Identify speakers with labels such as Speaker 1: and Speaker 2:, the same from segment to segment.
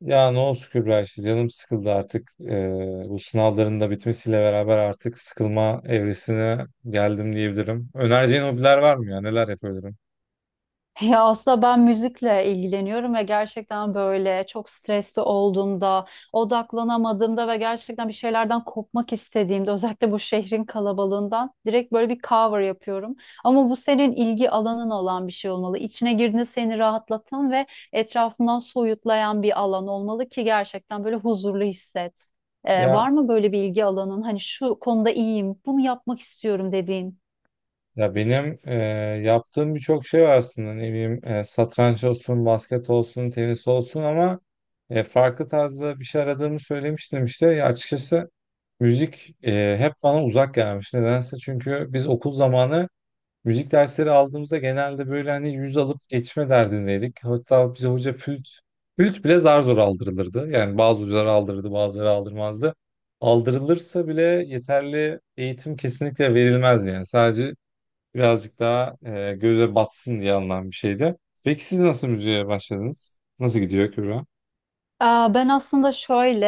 Speaker 1: Ya ne olsun Kübra işte canım sıkıldı artık. Bu sınavların da bitmesiyle beraber artık sıkılma evresine geldim diyebilirim. Önereceğin hobiler var mı ya? Neler yapabilirim?
Speaker 2: Ya aslında ben müzikle ilgileniyorum ve gerçekten böyle çok stresli olduğumda, odaklanamadığımda ve gerçekten bir şeylerden kopmak istediğimde, özellikle bu şehrin kalabalığından direkt böyle bir cover yapıyorum. Ama bu senin ilgi alanın olan bir şey olmalı. İçine girdiğinde seni rahatlatan ve etrafından soyutlayan bir alan olmalı ki gerçekten böyle huzurlu hisset. Ee,
Speaker 1: Ya
Speaker 2: var mı böyle bir ilgi alanın? Hani şu konuda iyiyim, bunu yapmak istiyorum dediğin?
Speaker 1: ya benim yaptığım birçok şey var aslında. Ne bileyim satranç olsun, basket olsun, tenis olsun ama farklı tarzda bir şey aradığımı söylemiştim işte. Ya açıkçası müzik hep bana uzak gelmiş. Nedense, çünkü biz okul zamanı müzik dersleri aldığımızda genelde böyle hani 100 alıp geçme derdindeydik. Hatta bize hoca flüt bile zar zor aldırılırdı. Yani bazı hocalar aldırırdı, bazıları aldırmazdı. Aldırılırsa bile yeterli eğitim kesinlikle verilmez yani. Sadece birazcık daha göze batsın diye alınan bir şeydi. Peki siz nasıl müziğe başladınız? Nasıl gidiyor Kübra?
Speaker 2: Aa, ben aslında şöyle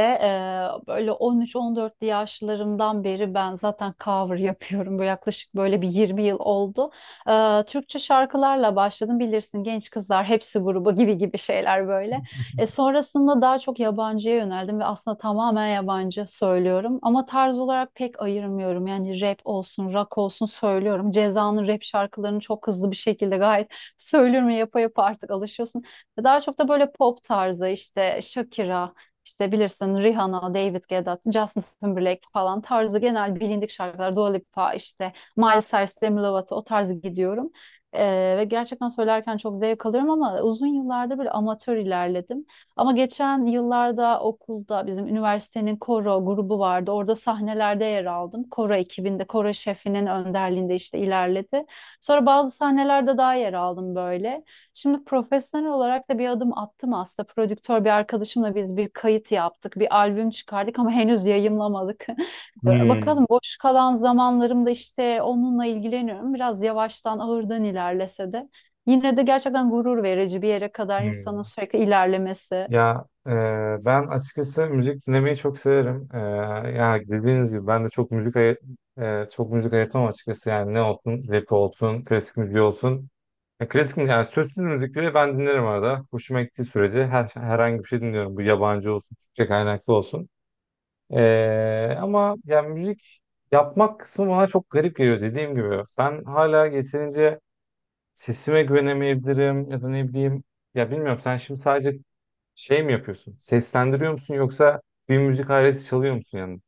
Speaker 2: böyle 13-14 yaşlarımdan beri ben zaten cover yapıyorum. Bu yaklaşık böyle bir 20 yıl oldu. Türkçe şarkılarla başladım, bilirsin, genç kızlar hepsi grubu gibi gibi şeyler böyle. Sonrasında daha çok yabancıya yöneldim ve aslında tamamen yabancı söylüyorum. Ama tarz olarak pek ayırmıyorum. Yani rap olsun, rock olsun söylüyorum. Ceza'nın rap şarkılarını çok hızlı bir şekilde gayet söylüyorum. Yapa yapa artık alışıyorsun. Daha çok da böyle pop tarzı işte Shakira, işte bilirsin Rihanna, David Guetta, Justin Timberlake falan tarzı genel bilindik şarkılar. Dua Lipa işte Miles Cyrus, Demi Lovato o tarzı gidiyorum. Ve gerçekten söylerken çok zevk alıyorum ama uzun yıllardır böyle amatör ilerledim. Ama geçen yıllarda okulda bizim üniversitenin koro grubu vardı. Orada sahnelerde yer aldım. Koro ekibinde, koro şefinin önderliğinde işte ilerledi. Sonra bazı sahnelerde daha yer aldım böyle. Şimdi profesyonel olarak da bir adım attım aslında. Prodüktör bir arkadaşımla biz bir kayıt yaptık, bir albüm çıkardık ama henüz yayımlamadık.
Speaker 1: Hmm,
Speaker 2: Bakalım, boş kalan zamanlarımda işte onunla ilgileniyorum. Biraz yavaştan ağırdan ilerlese de. Yine de gerçekten gurur verici bir yere kadar insanın
Speaker 1: hmm.
Speaker 2: sürekli ilerlemesi.
Speaker 1: Ya ben açıkçası müzik dinlemeyi çok severim. E, ya dediğiniz gibi ben de çok çok müzik ayırtamam açıkçası. Yani ne olsun, rap olsun, klasik müzik olsun. Ya yani sözsüz müzik bile ben dinlerim arada. Hoşuma gittiği sürece herhangi bir şey dinliyorum. Bu yabancı olsun, Türkçe kaynaklı olsun. E, ama yani müzik yapmak kısmı bana çok garip geliyor dediğim gibi. Ben hala yeterince sesime güvenemeyebilirim ya da ne bileyim. Ya bilmiyorum sen şimdi sadece şey mi yapıyorsun? Seslendiriyor musun yoksa bir müzik aleti çalıyor musun yanında?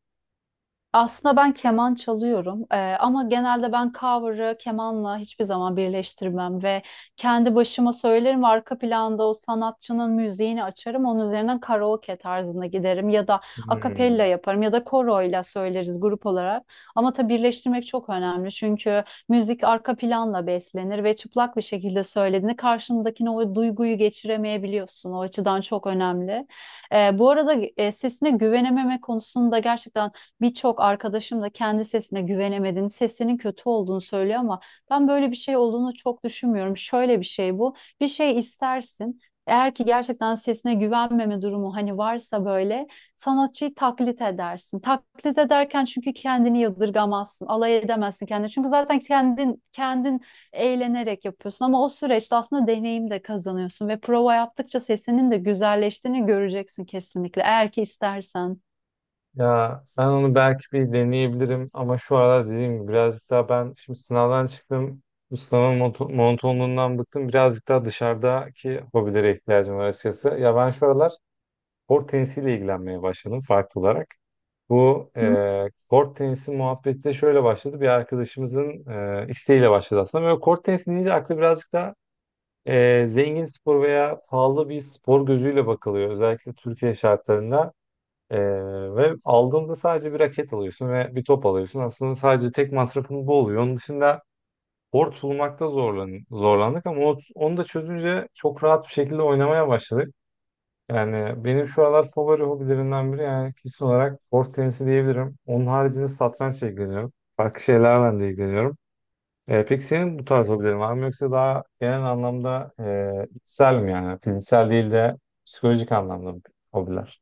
Speaker 2: Aslında ben keman çalıyorum, ama genelde ben cover'ı kemanla hiçbir zaman birleştirmem ve kendi başıma söylerim ve arka planda o sanatçının müziğini açarım, onun üzerinden karaoke tarzında giderim ya da akapella
Speaker 1: Hmm.
Speaker 2: yaparım ya da koroyla söyleriz grup olarak. Ama tabii birleştirmek çok önemli, çünkü müzik arka planla beslenir ve çıplak bir şekilde söylediğinde karşındakine o duyguyu geçiremeyebiliyorsun, o açıdan çok önemli. Bu arada sesine güvenememe konusunda gerçekten birçok arkadaşım da kendi sesine güvenemediğini, sesinin kötü olduğunu söylüyor ama ben böyle bir şey olduğunu çok düşünmüyorum. Şöyle bir şey bu. Bir şey istersin. Eğer ki gerçekten sesine güvenmeme durumu hani varsa böyle sanatçıyı taklit edersin. Taklit ederken çünkü kendini yadırgamazsın, alay edemezsin kendini. Çünkü zaten kendin eğlenerek yapıyorsun ama o süreçte aslında deneyim de kazanıyorsun ve prova yaptıkça sesinin de güzelleştiğini göreceksin kesinlikle, eğer ki istersen.
Speaker 1: Ya ben onu belki bir deneyebilirim ama şu aralar dediğim gibi birazcık daha ben şimdi sınavdan çıktım. Bu sınavın monotonluğundan bıktım. Birazcık daha dışarıdaki hobilere ihtiyacım var açıkçası. Ya ben şu aralar kort tenisiyle ilgilenmeye başladım farklı olarak. Bu kort tenisi muhabbeti de şöyle başladı. Bir arkadaşımızın isteğiyle başladı aslında. Böyle kort tenisi deyince aklı birazcık da zengin spor veya pahalı bir spor gözüyle bakılıyor. Özellikle Türkiye şartlarında. E, Ve aldığımda sadece bir raket alıyorsun ve bir top alıyorsun. Aslında sadece tek masrafın bu oluyor. Onun dışında kort bulmakta zorlandık ama onu da çözünce çok rahat bir şekilde oynamaya başladık. Yani benim şu aralar favori hobilerimden biri yani kesin olarak kort tenisi diyebilirim. Onun haricinde satrançla ilgileniyorum. Farklı şeylerle de ilgileniyorum. E, peki senin bu tarz hobilerin var mı, yoksa daha genel anlamda içsel mi, yani fiziksel değil de psikolojik anlamda hobiler?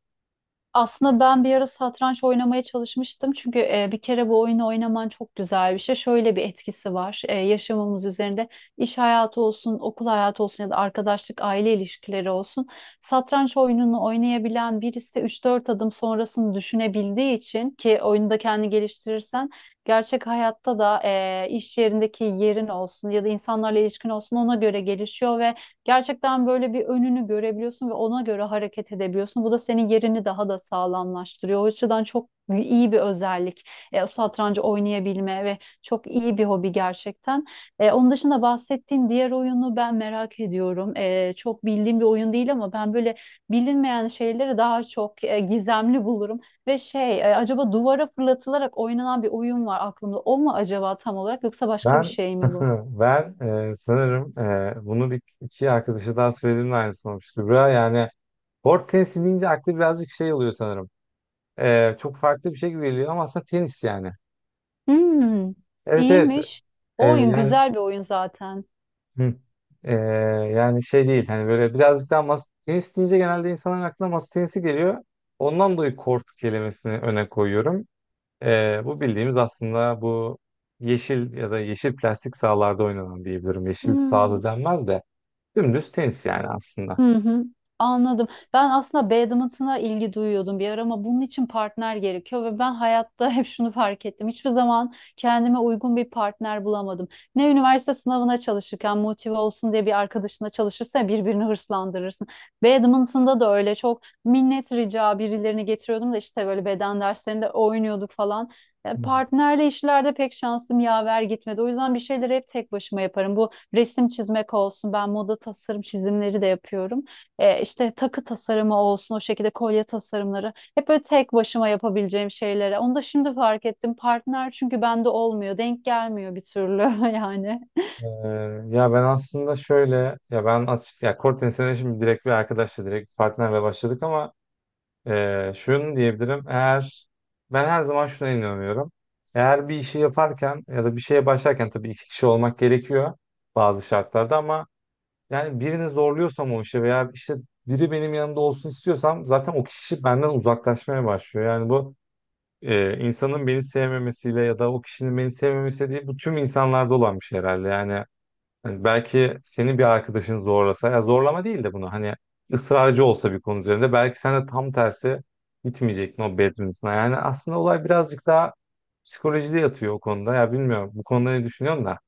Speaker 2: Aslında ben bir ara satranç oynamaya çalışmıştım. Çünkü bir kere bu oyunu oynaman çok güzel bir şey. Şöyle bir etkisi var. Yaşamımız üzerinde iş hayatı olsun, okul hayatı olsun ya da arkadaşlık, aile ilişkileri olsun. Satranç oyununu oynayabilen birisi üç dört adım sonrasını düşünebildiği için, ki oyunda kendi geliştirirsen gerçek hayatta da iş yerindeki yerin olsun ya da insanlarla ilişkin olsun ona göre gelişiyor. Gerçekten böyle bir önünü görebiliyorsun ve ona göre hareket edebiliyorsun. Bu da senin yerini daha da sağlamlaştırıyor. O açıdan çok iyi bir özellik. O satrancı oynayabilme ve çok iyi bir hobi gerçekten. Onun dışında bahsettiğin diğer oyunu ben merak ediyorum. Çok bildiğim bir oyun değil ama ben böyle bilinmeyen şeyleri daha çok gizemli bulurum. Ve şey, acaba duvara fırlatılarak oynanan bir oyun var aklımda. O mu acaba tam olarak, yoksa başka bir
Speaker 1: Ben
Speaker 2: şey mi bu?
Speaker 1: ben sanırım bunu bir iki arkadaşa daha söylediğimde aynısı olmuştu. Kübra yani board tenisi deyince aklı birazcık şey oluyor sanırım. E, çok farklı bir şey gibi geliyor ama aslında tenis yani.
Speaker 2: Hmm,
Speaker 1: Evet, evet.
Speaker 2: iyiymiş.
Speaker 1: E,
Speaker 2: O oyun
Speaker 1: yani
Speaker 2: güzel bir oyun zaten.
Speaker 1: hı. E, yani şey değil hani böyle birazcık daha masa tenis deyince genelde insanların aklına masa tenisi geliyor. Ondan dolayı kort kelimesini öne koyuyorum. E, bu bildiğimiz aslında bu yeşil ya da yeşil plastik sahalarda oynanan diyebilirim. Yeşil
Speaker 2: Hmm.
Speaker 1: sahada denmez de. Dümdüz tenis yani aslında.
Speaker 2: Hı hı, anladım. Ben aslında badminton'a ilgi duyuyordum bir ara ama bunun için partner gerekiyor ve ben hayatta hep şunu fark ettim. Hiçbir zaman kendime uygun bir partner bulamadım. Ne üniversite sınavına çalışırken motive olsun diye bir arkadaşına çalışırsa birbirini hırslandırırsın. Badminton'da da öyle, çok minnet rica birilerini getiriyordum da işte böyle beden derslerinde oynuyorduk falan.
Speaker 1: Hmm.
Speaker 2: Partnerle işlerde pek şansım yaver gitmedi. O yüzden bir şeyleri hep tek başıma yaparım. Bu resim çizmek olsun. Ben moda tasarım çizimleri de yapıyorum. İşte takı tasarımı olsun, o şekilde kolye tasarımları. Hep böyle tek başıma yapabileceğim şeylere. Onu da şimdi fark ettim. Partner çünkü bende olmuyor. Denk gelmiyor bir türlü, yani.
Speaker 1: Ee, Ya ben aslında şöyle, ya ben açık ya kort tenisine şimdi direkt bir arkadaşla direkt partnerle başladık ama şunu diyebilirim, eğer ben her zaman şuna inanıyorum: eğer bir işi yaparken ya da bir şeye başlarken tabii iki kişi olmak gerekiyor bazı şartlarda, ama yani birini zorluyorsam o işe veya işte biri benim yanımda olsun istiyorsam zaten o kişi benden uzaklaşmaya başlıyor. Yani bu insanın beni sevmemesiyle ya da o kişinin beni sevmemesi değil, bu tüm insanlarda olan bir şey herhalde. Yani hani belki senin bir arkadaşın zorlasa, ya zorlama değil de bunu hani ısrarcı olsa bir konu üzerinde, belki sen de tam tersi gitmeyecektin o bedrinizine. Yani aslında olay birazcık daha psikolojide yatıyor o konuda. Ya bilmiyorum bu konuda ne düşünüyorsun da.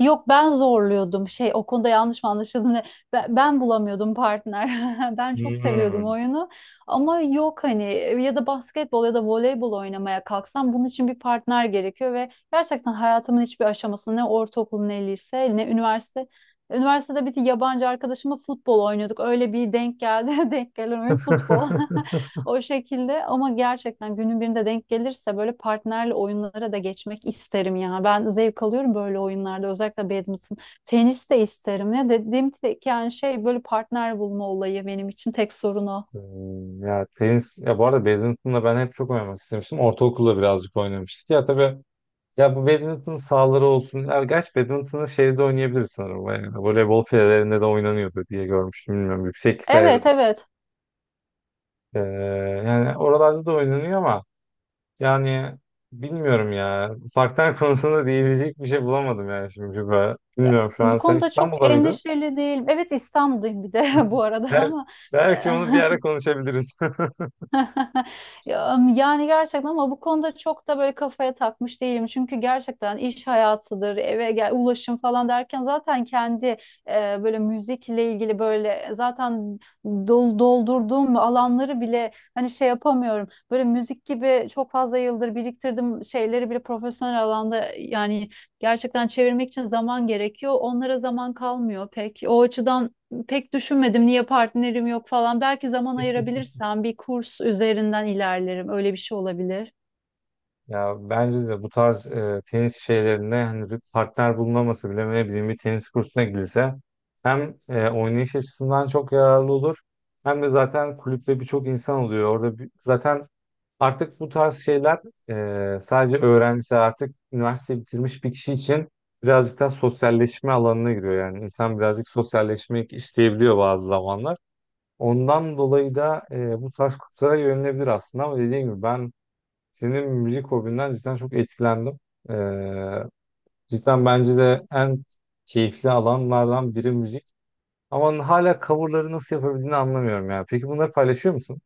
Speaker 2: Yok, ben zorluyordum şey o konuda, yanlış mı anlaşıldı ne? Ben bulamıyordum partner, ben çok seviyordum
Speaker 1: Hmm.
Speaker 2: oyunu ama yok hani, ya da basketbol ya da voleybol oynamaya kalksam bunun için bir partner gerekiyor ve gerçekten hayatımın hiçbir aşamasında, ne ortaokul ne lise ne üniversite. Üniversitede bir yabancı arkadaşımla futbol oynuyorduk, öyle bir denk geldi. Denk gelen oyun futbol. O şekilde. Ama gerçekten günün birinde denk gelirse böyle partnerle oyunlara da geçmek isterim ya. Ben zevk alıyorum böyle oyunlarda, özellikle badminton. Tenis de isterim ya. Dediğim tek yani şey böyle partner bulma olayı, benim için tek sorun o.
Speaker 1: Hmm, ya tenis, ya bu arada badminton'la ben hep çok oynamak istemiştim. Ortaokulda birazcık oynamıştık. Ya tabii, ya bu badminton sahaları olsun. Ya gerçi badminton'ı şeyde oynayabilir sanırım. Yani voleybol filelerinde de oynanıyordu diye görmüştüm. Bilmiyorum. Yükseklik ayarı.
Speaker 2: Evet, evet.
Speaker 1: Ee, Yani oralarda da oynanıyor ama yani bilmiyorum ya. Parklar konusunda diyebilecek bir şey bulamadım yani şimdi. Bilmiyorum, şu
Speaker 2: Bu
Speaker 1: an sen
Speaker 2: konuda çok
Speaker 1: İstanbul'da mıydın?
Speaker 2: endişeli değilim. Evet, İstanbul'dayım bir de bu arada,
Speaker 1: Bel
Speaker 2: ama.
Speaker 1: belki onu bir ara konuşabiliriz.
Speaker 2: Ya, yani gerçekten, ama bu konuda çok da böyle kafaya takmış değilim. Çünkü gerçekten iş hayatıdır, eve gel, ulaşım falan derken zaten kendi böyle müzikle ilgili böyle zaten doldurduğum alanları bile hani şey yapamıyorum. Böyle müzik gibi çok fazla yıldır biriktirdim şeyleri bile profesyonel alanda yani gerçekten çevirmek için zaman gerekiyor. Onlara zaman kalmıyor pek. O açıdan pek düşünmedim niye partnerim yok falan. Belki zaman ayırabilirsem bir kurs üzerinden ilerlerim. Öyle bir şey olabilir.
Speaker 1: Ya bence de bu tarz tenis şeylerinde hani bir partner bulunaması bile, ne bileyim, bir tenis kursuna gidilse hem oynayış açısından çok yararlı olur, hem de zaten kulüpte birçok insan oluyor. Orada zaten artık bu tarz şeyler sadece öğrenci, artık üniversite bitirmiş bir kişi için birazcık daha sosyalleşme alanına giriyor. Yani insan birazcık sosyalleşmek isteyebiliyor bazı zamanlar. Ondan dolayı da bu tarz kurslara yönelebilir aslında, ama dediğim gibi ben senin müzik hobinden cidden çok etkilendim. Ee, Cidden bence de en keyifli alanlardan biri müzik. Ama hala coverları nasıl yapabildiğini anlamıyorum ya. Peki bunları paylaşıyor musun?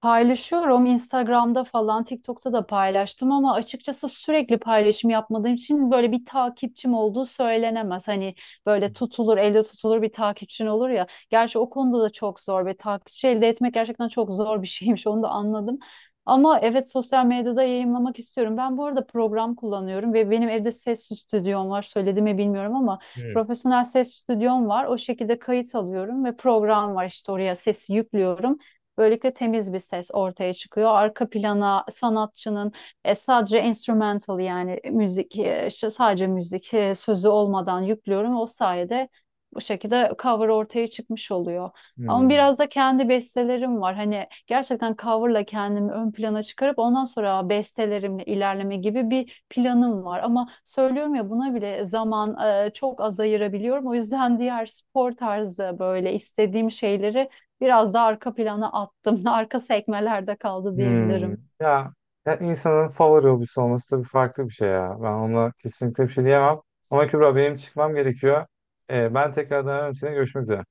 Speaker 2: Paylaşıyorum Instagram'da falan, TikTok'ta da paylaştım ama açıkçası sürekli paylaşım yapmadığım için böyle bir takipçim olduğu söylenemez. Hani böyle tutulur, elde tutulur bir takipçin olur ya. Gerçi o konuda da çok zor ve takipçi elde etmek gerçekten çok zor bir şeymiş, onu da anladım. Ama evet, sosyal medyada yayınlamak istiyorum. Ben bu arada program kullanıyorum ve benim evde ses stüdyom var. Söyledi mi bilmiyorum ama
Speaker 1: Hmm.
Speaker 2: profesyonel ses stüdyom var. O şekilde kayıt alıyorum ve program var, işte oraya sesi yüklüyorum. Böylelikle temiz bir ses ortaya çıkıyor. Arka plana sanatçının sadece instrumental, yani müzik, işte sadece müzik, sözü olmadan yüklüyorum. O sayede bu şekilde cover ortaya çıkmış oluyor. Ama
Speaker 1: Hmm.
Speaker 2: biraz da kendi bestelerim var. Hani gerçekten coverla kendimi ön plana çıkarıp ondan sonra bestelerimle ilerleme gibi bir planım var. Ama söylüyorum ya, buna bile zaman çok az ayırabiliyorum. O yüzden diğer spor tarzı böyle istediğim şeyleri biraz da arka plana attım. Arka sekmelerde kaldı
Speaker 1: Hmm.
Speaker 2: diyebilirim.
Speaker 1: Ya, ya insanın favori hobisi olması tabii farklı bir şey ya. Ben ona kesinlikle bir şey diyemem. Ama Kübra benim çıkmam gerekiyor. Ben tekrardan, önemli, görüşmek üzere.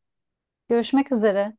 Speaker 2: Görüşmek üzere.